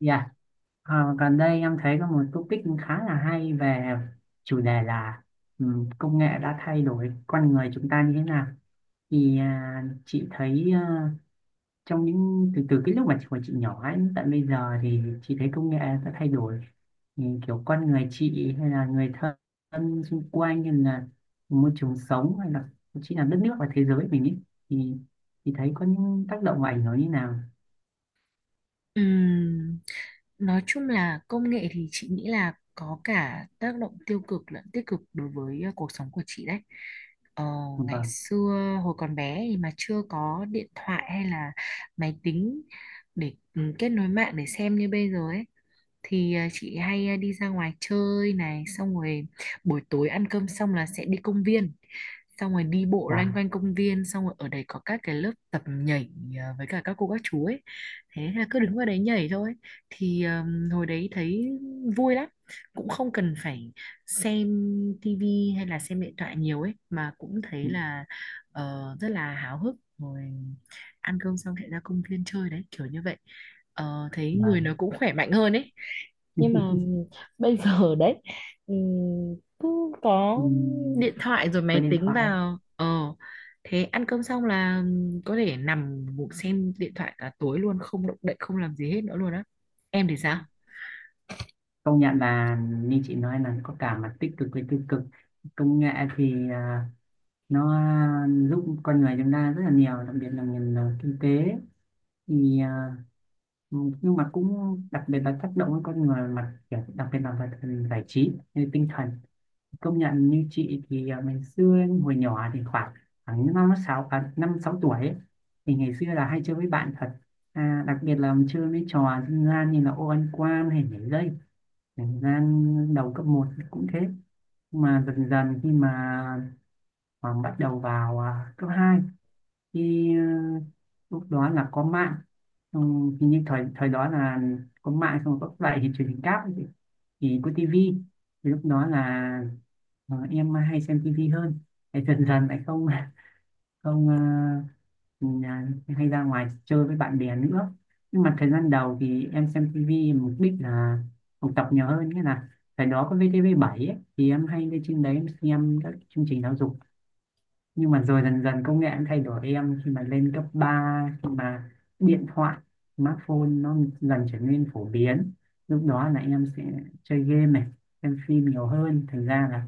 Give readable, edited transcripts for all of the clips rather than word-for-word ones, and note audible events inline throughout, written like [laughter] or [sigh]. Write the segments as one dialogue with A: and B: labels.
A: Dạ, gần đây em thấy có một topic khá là hay về chủ đề là ừ, công nghệ đã thay đổi con người chúng ta như thế nào. Thì chị thấy trong những từ từ cái lúc mà chị còn nhỏ ấy, tận bây giờ thì chị thấy công nghệ đã thay đổi. Ừ, kiểu con người chị hay là người thân xung quanh hay là môi trường sống hay là thậm chí là đất nước và thế giới mình ấy, thì thì thấy có những tác động và ảnh hưởng như nào.
B: Ừm, nói chung là công nghệ thì chị nghĩ là có cả tác động tiêu cực lẫn tích cực đối với cuộc sống của chị đấy. Ờ, Ngày
A: Vâng,
B: xưa hồi còn bé thì mà chưa có điện thoại hay là máy tính để kết nối mạng để xem như bây giờ ấy thì chị hay đi ra ngoài chơi này, xong rồi buổi tối ăn cơm xong là sẽ đi công viên, xong rồi đi bộ loanh
A: và
B: quanh công viên, xong rồi ở đấy có các cái lớp tập nhảy với cả các cô các chú ấy, thế là cứ đứng vào đấy nhảy thôi. thì à, hồi đấy thấy vui lắm, cũng không cần phải xem tivi hay là xem điện thoại nhiều ấy mà cũng thấy là rất là háo hức rồi, ăn cơm xong sẽ ra công viên chơi đấy, kiểu như vậy. Ờ, thấy
A: và
B: người nó cũng khỏe mạnh hơn ấy. Nhưng mà
A: [laughs]
B: bây giờ [laughs] đấy, cứ có điện
A: Ừm,
B: thoại rồi
A: với
B: máy
A: điện
B: tính
A: thoại.
B: vào, thế ăn cơm xong là có thể nằm ngủ xem điện thoại cả tối luôn, không động đậy, không làm gì hết nữa luôn á. Em thì sao?
A: Công nhận là, như chị nói là có cả mặt tích cực với tiêu cực. Công nghệ thì nó giúp con người chúng ta rất là nhiều, đặc biệt là ngành kinh tế. Thì ừ, nhưng mà cũng đặc biệt là tác động đến con người mặt kiểu, đặc biệt là về phần giải trí như tinh thần. Công nhận, như chị thì ngày xưa hồi nhỏ thì khoảng khoảng năm sáu tuổi ấy, thì ngày xưa là hay chơi với bạn thật, đặc biệt là chơi mấy trò dân gian như là ô ăn quan hay nhảy dây. Thời gian đầu cấp một cũng thế, nhưng mà dần dần khi mà và bắt đầu vào cấp 2 thì lúc đó là có mạng, xong hình như thời thời đó là có mạng, xong rồi có lại thì truyền hình cáp ấy, thì có tivi. Thì lúc đó là em hay xem tivi hơn, thì dần dần lại không [laughs] không ờ, nhà- hay ra ngoài chơi với bạn bè nữa. Nhưng mà thời gian đầu thì em xem tivi mục đích là học tập nhiều hơn, nghĩa là thời đó có VTV7 ấy, thì em hay lên trên đấy, em xem các chương trình giáo dục. Nhưng mà rồi dần dần công nghệ cũng thay đổi em, khi mà lên cấp ba, khi mà điện thoại smartphone nó dần trở nên phổ biến, lúc đó là em sẽ chơi game này, xem phim nhiều hơn, thành ra là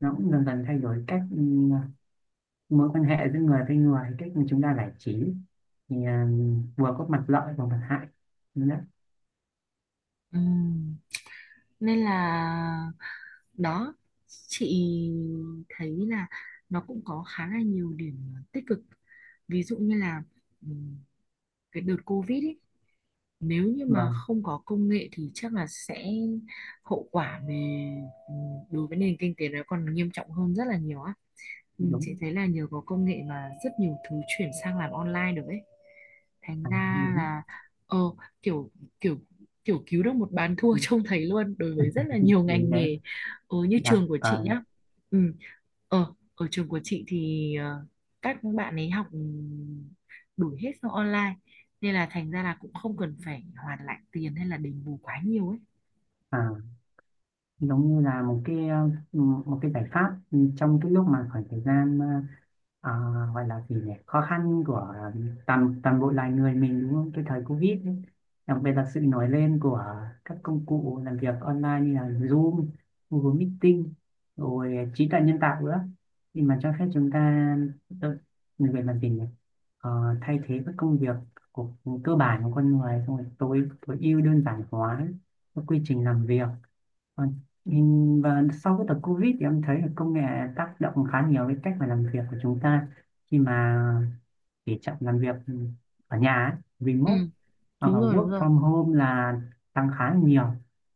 A: nó cũng dần dần thay đổi cách, mối quan hệ giữa người với người, cách mà chúng ta giải trí. Thì vừa có mặt lợi và mặt hại. Đúng đấy,
B: Ừm, Nên là đó, chị thấy là nó cũng có khá là nhiều điểm tích cực. Ví dụ như là ừm, cái đợt Covid ý, nếu như mà
A: vâng.
B: không có công nghệ thì chắc là sẽ hậu quả về ừ, đối với nền kinh tế nó còn nghiêm trọng hơn rất là nhiều á. Ừ, chị
A: Đúng,
B: thấy là nhờ có công nghệ mà rất nhiều thứ chuyển sang làm online được ấy, thành ra
A: đúng.
B: là ờ kiểu, kiểu kiểu cứu được một bàn thua [laughs] trông thấy luôn đối với rất là
A: [laughs]
B: nhiều
A: Vậy
B: ngành
A: đấy.
B: nghề. Ờ, như
A: đặt
B: trường của chị
A: vào
B: nhá. Ừ, ờ ở trường của chị thì các bạn ấy học đủ hết sang online, nên là thành ra là cũng không cần phải hoàn lại tiền hay là đền bù quá nhiều ấy.
A: à, Giống như là một cái giải pháp, trong cái lúc mà khoảng thời gian, ờ, gọi là gì nhỉ, khó khăn của toàn toàn bộ loài người mình, đúng không, cái thời Covid ấy. Đặc biệt là sự nổi lên của các công cụ làm việc online như là Zoom, Google Meeting, rồi trí tuệ nhân tạo nữa, thì mà cho phép chúng ta, tự- người làm gì nhỉ, thay thế các công việc của, cơ bản của con người, xong rồi tối tối ưu, đơn giản hóa các quy trình làm việc. Vâng. Nhìn và sau cái đợt Covid thì em thấy là công nghệ tác động khá nhiều đến cách mà làm việc của chúng ta, khi mà tỉ trọng làm việc ở nhà ấy,
B: Ừ,
A: remote hoặc
B: đúng
A: là
B: rồi, đúng
A: work
B: rồi.
A: from home, là tăng khá nhiều,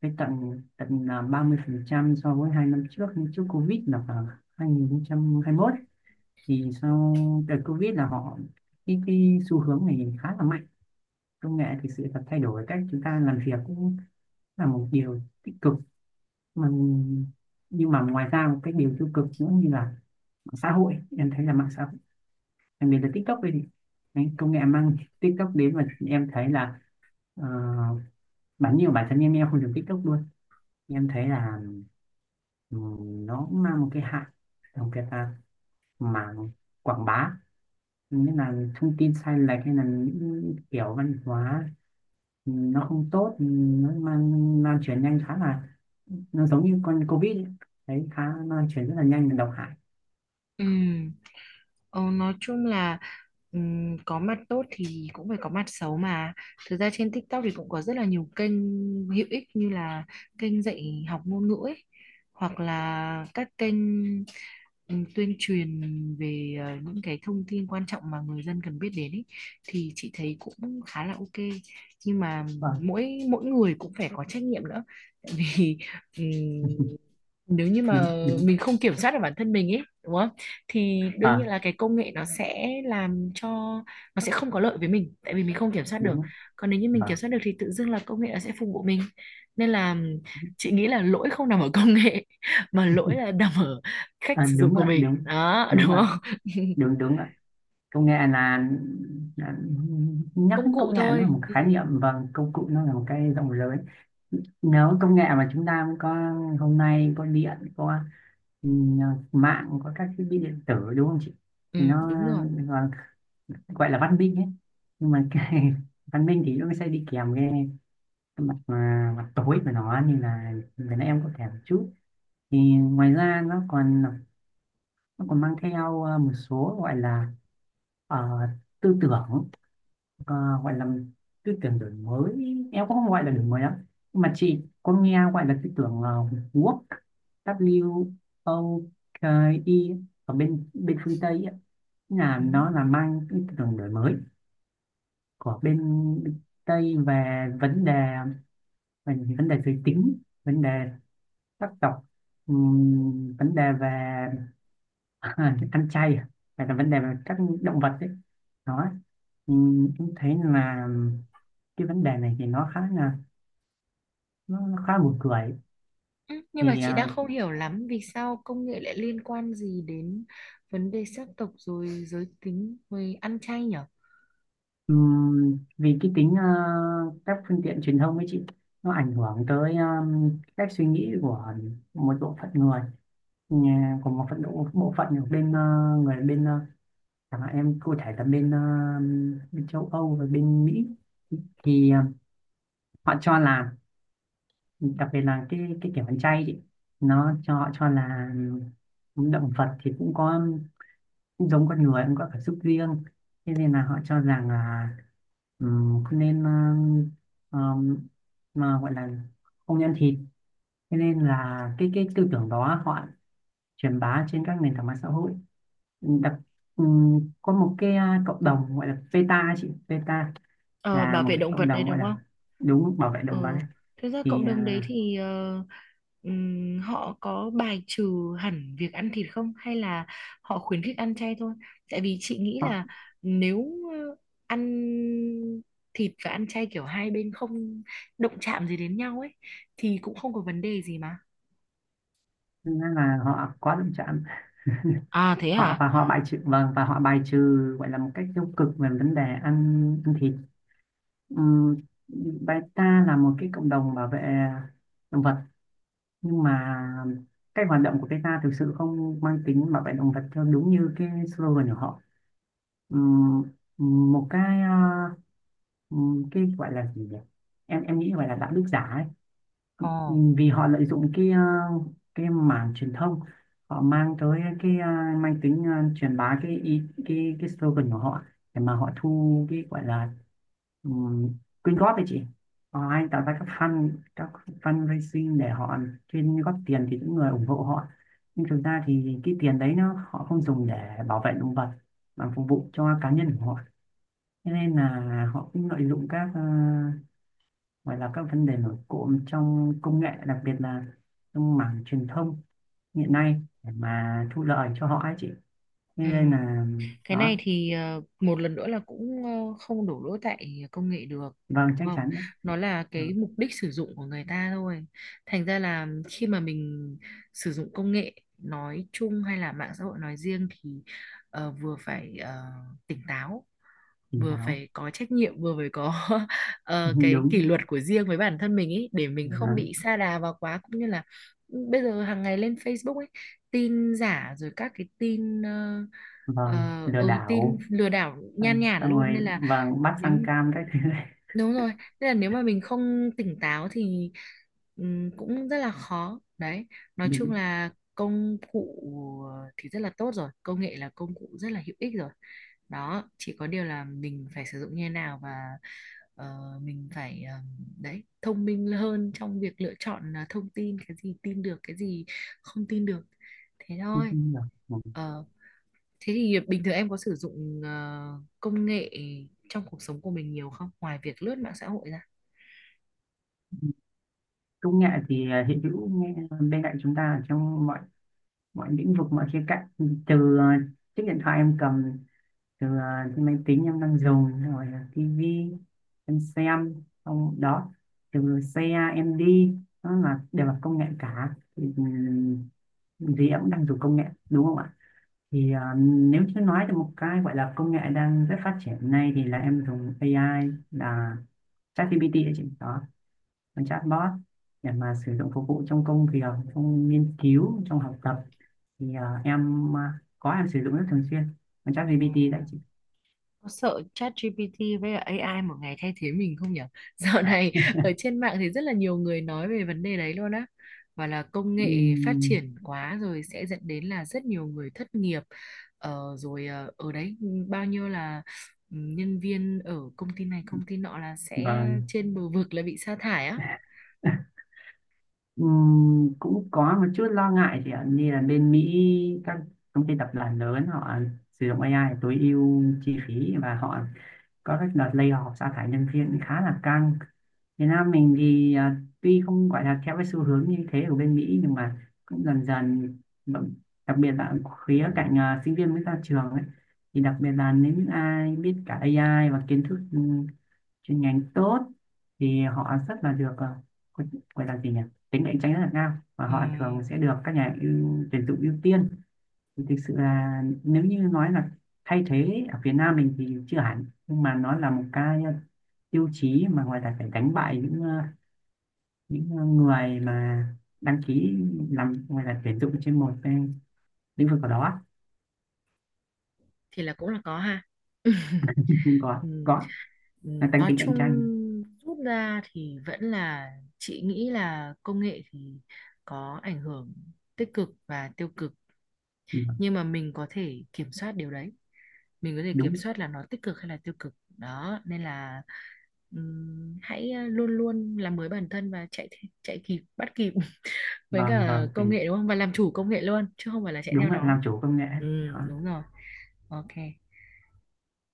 A: với tận tận là 30% so với 2 năm trước. Nhưng trước Covid là khoảng 2021, thì sau đợt Covid là cái xu hướng này khá là mạnh. Công nghệ thực sự là thay đổi cách chúng ta làm việc, cũng là một điều tích cực. Ừm, nhưng mà ngoài ra một cái điều tiêu cực nữa, như là mạng xã hội. Em thấy là mạng xã hội, đặc biệt là TikTok ấy, thì cái công nghệ mang TikTok đến, và em thấy là, ờ, bản nhiều bản thân em không dùng TikTok luôn. Em thấy là nó cũng mang một cái hại, đặc cái ta mảng quảng bá, nghĩa là thông tin sai lệch hay là những kiểu văn hóa nó không tốt, nó mang lan truyền nhanh khá là, nó giống như con Covid ấy. Đấy, khá lan truyền rất là nhanh và độc hại.
B: Ừ. Ờ, nói chung là có mặt tốt thì cũng phải có mặt xấu mà. Thực ra trên TikTok thì cũng có rất là nhiều kênh hữu ích, như là kênh dạy học ngôn ngữ ấy, hoặc là các kênh tuyên truyền về những cái thông tin quan trọng mà người dân cần biết đến ấy, thì chị thấy cũng khá là ok. Nhưng mà
A: Vâng.
B: mỗi mỗi người cũng phải có trách nhiệm nữa. Tại vì ừm,
A: [laughs]
B: nếu như
A: Đúng,
B: mà
A: đúng,
B: mình không kiểm soát được bản thân mình ấy, đúng không? Thì đương nhiên
A: à
B: là cái công nghệ nó sẽ làm cho nó sẽ không có lợi với mình, tại vì mình không kiểm soát
A: đúng
B: được.
A: ạ.
B: Còn nếu như mình
A: Vâng,
B: kiểm soát được thì tự dưng là công nghệ nó sẽ phục vụ mình. Nên là chị nghĩ là lỗi không nằm ở công nghệ [laughs] mà lỗi là nằm ở cách sử dụng
A: đúng
B: của
A: ạ.
B: mình
A: Đúng,
B: đó,
A: đúng
B: đúng
A: ạ.
B: không? [laughs]
A: Đúng, đúng ạ. Công nghệ là, là nhắc
B: Công
A: đến
B: cụ
A: công nghệ, nó là
B: thôi.
A: một
B: Ừ,
A: khái niệm và công cụ, nó là một cái rộng lớn. Nếu công nghệ mà chúng ta có hôm nay, có điện, có ừ, mạng, có các thiết bị điện tử, đúng không chị,
B: ừ
A: thì nó
B: đúng rồi.
A: gọi gọi là văn minh ấy. Nhưng mà cái [laughs] văn minh thì nó sẽ đi kèm cái mặt mà mặt tối của nó, như là vừa nãy em có kể một chút. Thì ngoài ra nó còn, mang theo một số, gọi là ờ, tư tưởng, ờ, gọi là tư tưởng đổi mới. Em cũng không gọi là đổi mới lắm, nhưng mà chị có nghe gọi là tư tưởng, Woke. W O K E. Ở bên bên phương Tây ấy, là
B: Ừ.
A: nó là mang cái tư tưởng đổi mới của bên Tây về vấn đề, giới tính, vấn đề sắc tộc, vấn đề về [laughs] ăn chay à? Hay là vấn đề về các động vật ấy, đó. Em thấy là cái vấn đề này thì nó khá buồn cười.
B: Ừ, nhưng mà
A: Thì
B: chị đang không hiểu lắm vì sao công nghệ lại liên quan gì đến vấn đề sắc tộc rồi giới tính rồi ăn chay nhở.
A: vì cái tính các phương tiện truyền thông ấy chị, nó ảnh hưởng tới cách suy nghĩ của một bộ phận người, của một bộ phận ở bên người bên chẳng hạn em cụ thể là bên châu Âu và bên Mỹ. Thì họ cho là, đặc biệt là cái kiểu ăn chay chị, nó cho họ cho là động vật thì cũng có, cũng giống con người, cũng có cảm xúc riêng. Thế nên là họ cho rằng là không nên, ờm, mà gọi là không ăn thịt. Thế nên là cái tư tưởng đó họ truyền bá trên các nền tảng mạng xã hội. Đặc ừm, có một cái cộng đồng gọi là PETA chị, PETA
B: Ờ,
A: là
B: bảo
A: một
B: vệ
A: cái
B: động vật
A: cộng
B: đây
A: đồng, gọi
B: đúng
A: là,
B: không?
A: đúng, bảo vệ động vật
B: Ừ.
A: ấy.
B: Thực ra
A: Thì
B: cộng đồng đấy thì họ có bài trừ hẳn việc ăn thịt không, hay là họ khuyến khích ăn chay thôi? Tại vì chị nghĩ
A: họ,
B: là nếu ờ, ăn thịt và ăn chay kiểu hai bên không động chạm gì đến nhau ấy thì cũng không có vấn đề gì mà.
A: thực ra là họ quá động chạm. [laughs]
B: À thế
A: Họ,
B: hả?
A: và họ bài trừ, vâng, và họ bài trừ, gọi là một cách tiêu cực về vấn đề ăn, thịt. Ừm, Beta là một cái cộng đồng bảo vệ động vật, nhưng mà cách hoạt động của beta thực sự không mang tính bảo vệ động vật theo đúng như cái slogan của họ. Ừm, Một cái, cái gọi là gì nhỉ, em nghĩ gọi là đạo đức giả ấy.
B: Ồ.
A: Ừ, vì họ lợi dụng cái, cái mảng truyền thông, họ mang tới cái, mang tính, truyền bá cái ý cái slogan của họ, để mà họ thu cái, gọi là um, quyên góp đấy chị. Họ hay tạo ra các fund, các fundraising để họ chuyên góp tiền thì những người ủng hộ họ. Nhưng thực ra thì cái tiền đấy nó họ không dùng để bảo vệ động vật mà phục vụ cho cá nhân của họ. Thế nên là họ cũng lợi dụng các, gọi là các vấn đề nổi cộm trong công nghệ, đặc biệt là trong mảng truyền thông hiện nay, để mà thu lợi cho họ ấy chị, thế
B: Ừ.
A: nên là
B: Cái
A: đó.
B: này thì một lần nữa là cũng không đổ lỗi tại công nghệ được,
A: Vâng,
B: đúng
A: chắc
B: không?
A: chắn.
B: Nó là
A: Ừ,
B: cái mục đích sử dụng của người ta thôi. Thành ra là khi mà mình sử dụng công nghệ nói chung hay là mạng xã hội nói riêng thì vừa phải tỉnh táo,
A: tỉnh
B: vừa
A: táo.
B: phải có trách nhiệm, vừa phải có [laughs]
A: [laughs]
B: cái
A: Đúng.
B: kỷ luật của riêng với bản thân mình ấy, để mình không
A: Đó.
B: bị sa đà vào quá, cũng như là ừ, bây giờ hàng ngày lên Facebook ấy, tin giả rồi các cái tin
A: Vâng, lừa
B: ừ tin
A: đảo.
B: lừa đảo nhan
A: xong,
B: nhản
A: xong
B: luôn,
A: rồi
B: nên là
A: vâng, bắt
B: nếu
A: sang cam các thứ này.
B: đúng rồi, nên là nếu mà mình không tỉnh táo thì cũng rất là khó đấy.
A: [laughs]
B: Nói chung
A: Đúng.
B: là công cụ thì rất là tốt rồi, công nghệ là công cụ rất là hữu ích rồi đó, chỉ có điều là mình phải sử dụng như thế nào, và ờ, mình phải đấy, thông minh hơn trong việc lựa chọn thông tin, cái gì tin được, cái gì không tin được, thế
A: Không
B: thôi.
A: tin được. Vâng.
B: Ờ, thế thì bình thường em có sử dụng công nghệ trong cuộc sống của mình nhiều không? Ngoài việc lướt mạng xã hội ra.
A: Công nghệ thì hiện hữu nghe bên cạnh chúng ta, ở trong mọi mọi lĩnh vực, mọi khía cạnh. Từ chiếc điện thoại em cầm, từ cái máy tính em đang dùng, rồi là tivi em xem xong đó, từ xe em đi, nó là đều là công nghệ cả. Thì gì em cũng đang dùng công nghệ, đúng không ạ. Thì nếu như nói được một cái gọi là công nghệ đang rất phát triển nay, thì là em dùng AI, là ChatGPT đấy chị, đó, con chatbot, để mà sử dụng phục vụ trong công việc, trong nghiên cứu, trong học tập. Thì em, có em sử dụng rất thường xuyên con
B: Ừ,
A: ChatGPT đấy.
B: có sợ chat ChatGPT với cả AI một ngày thay thế mình không nhỉ? [laughs] Dạo này ở trên mạng thì rất là nhiều người nói về vấn đề đấy luôn á. Và là công nghệ phát
A: Ừm,
B: triển quá rồi sẽ dẫn đến là rất nhiều người thất nghiệp. Ờ, rồi ở đấy bao nhiêu là ừ, nhân viên ở công ty này công ty nọ là sẽ
A: vâng.
B: trên bờ vực là bị sa thải á.
A: Cũng có một chút lo ngại chị ạ, như là bên Mỹ các công ty tập đoàn lớn họ sử dụng AI tối ưu chi phí và họ có các đợt layoff sa thải nhân viên khá là căng. Việt Nam mình thì tuy không gọi là theo cái xu hướng như thế của bên Mỹ, nhưng mà cũng dần dần vẫn- đặc biệt là khía cạnh sinh viên mới ra trường ấy, thì đặc biệt là nếu những ai biết cả AI và kiến thức chuyên ngành tốt, thì họ rất là được, gọi gọi là gì nhỉ, tính cạnh tranh rất là cao, và
B: Ừ.
A: họ thường sẽ được các nhà tuyển dụng ưu tiên. Thì thực sự là nếu như nói là thay thế ở Việt Nam mình thì chưa hẳn, nhưng mà nó là một cái tiêu chí mà ngoài là phải đánh bại những, người mà đăng ký làm ngoài là tuyển dụng trên một cái lĩnh vực nào đó.
B: Thì là cũng là có ha. [laughs]
A: [laughs] có
B: Ừ,
A: có
B: ừ,
A: là tăng
B: nói
A: tính
B: chung
A: cạnh tranh.
B: rút ra thì vẫn là chị nghĩ là công nghệ thì có ảnh hưởng tích cực và tiêu cực,
A: Ừ,
B: nhưng mà mình có thể kiểm soát điều đấy, mình có thể kiểm
A: đúng.
B: soát là nó tích cực hay là tiêu cực đó, nên là hãy luôn luôn làm mới bản thân và chạy kịp, bắt kịp [laughs] với
A: Vâng,
B: cả
A: vâng.
B: công nghệ đúng không, và làm chủ công nghệ luôn chứ không phải là chạy theo
A: Đúng là
B: nó.
A: làm chủ công nghệ.
B: Ừ
A: Đó.
B: đúng rồi, ok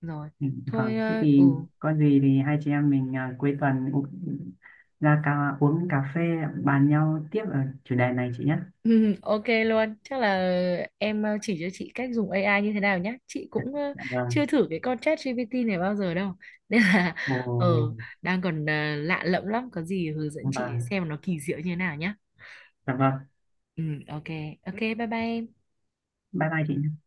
B: rồi.
A: Ừ, vâng,
B: Thôi
A: thế thì
B: ừ.
A: có gì thì hai chị em mình cuối tuần, uống cà phê, bàn nhau tiếp ở chủ đề này chị nhé.
B: Ừ, ok luôn. Chắc là em chỉ cho chị cách dùng AI như thế nào nhé. Chị cũng
A: Dạ vâng.
B: chưa thử cái con chat ChatGPT này bao giờ đâu. [laughs] Nên là ờ
A: Ồ,
B: đang còn lạ lẫm lắm. Có gì hướng dẫn chị
A: vâng.
B: xem nó kỳ diệu như thế nào nhé.
A: Dạ vâng.
B: Ừ, ok. Ok, bye bye em.
A: Bye bye chị nhé.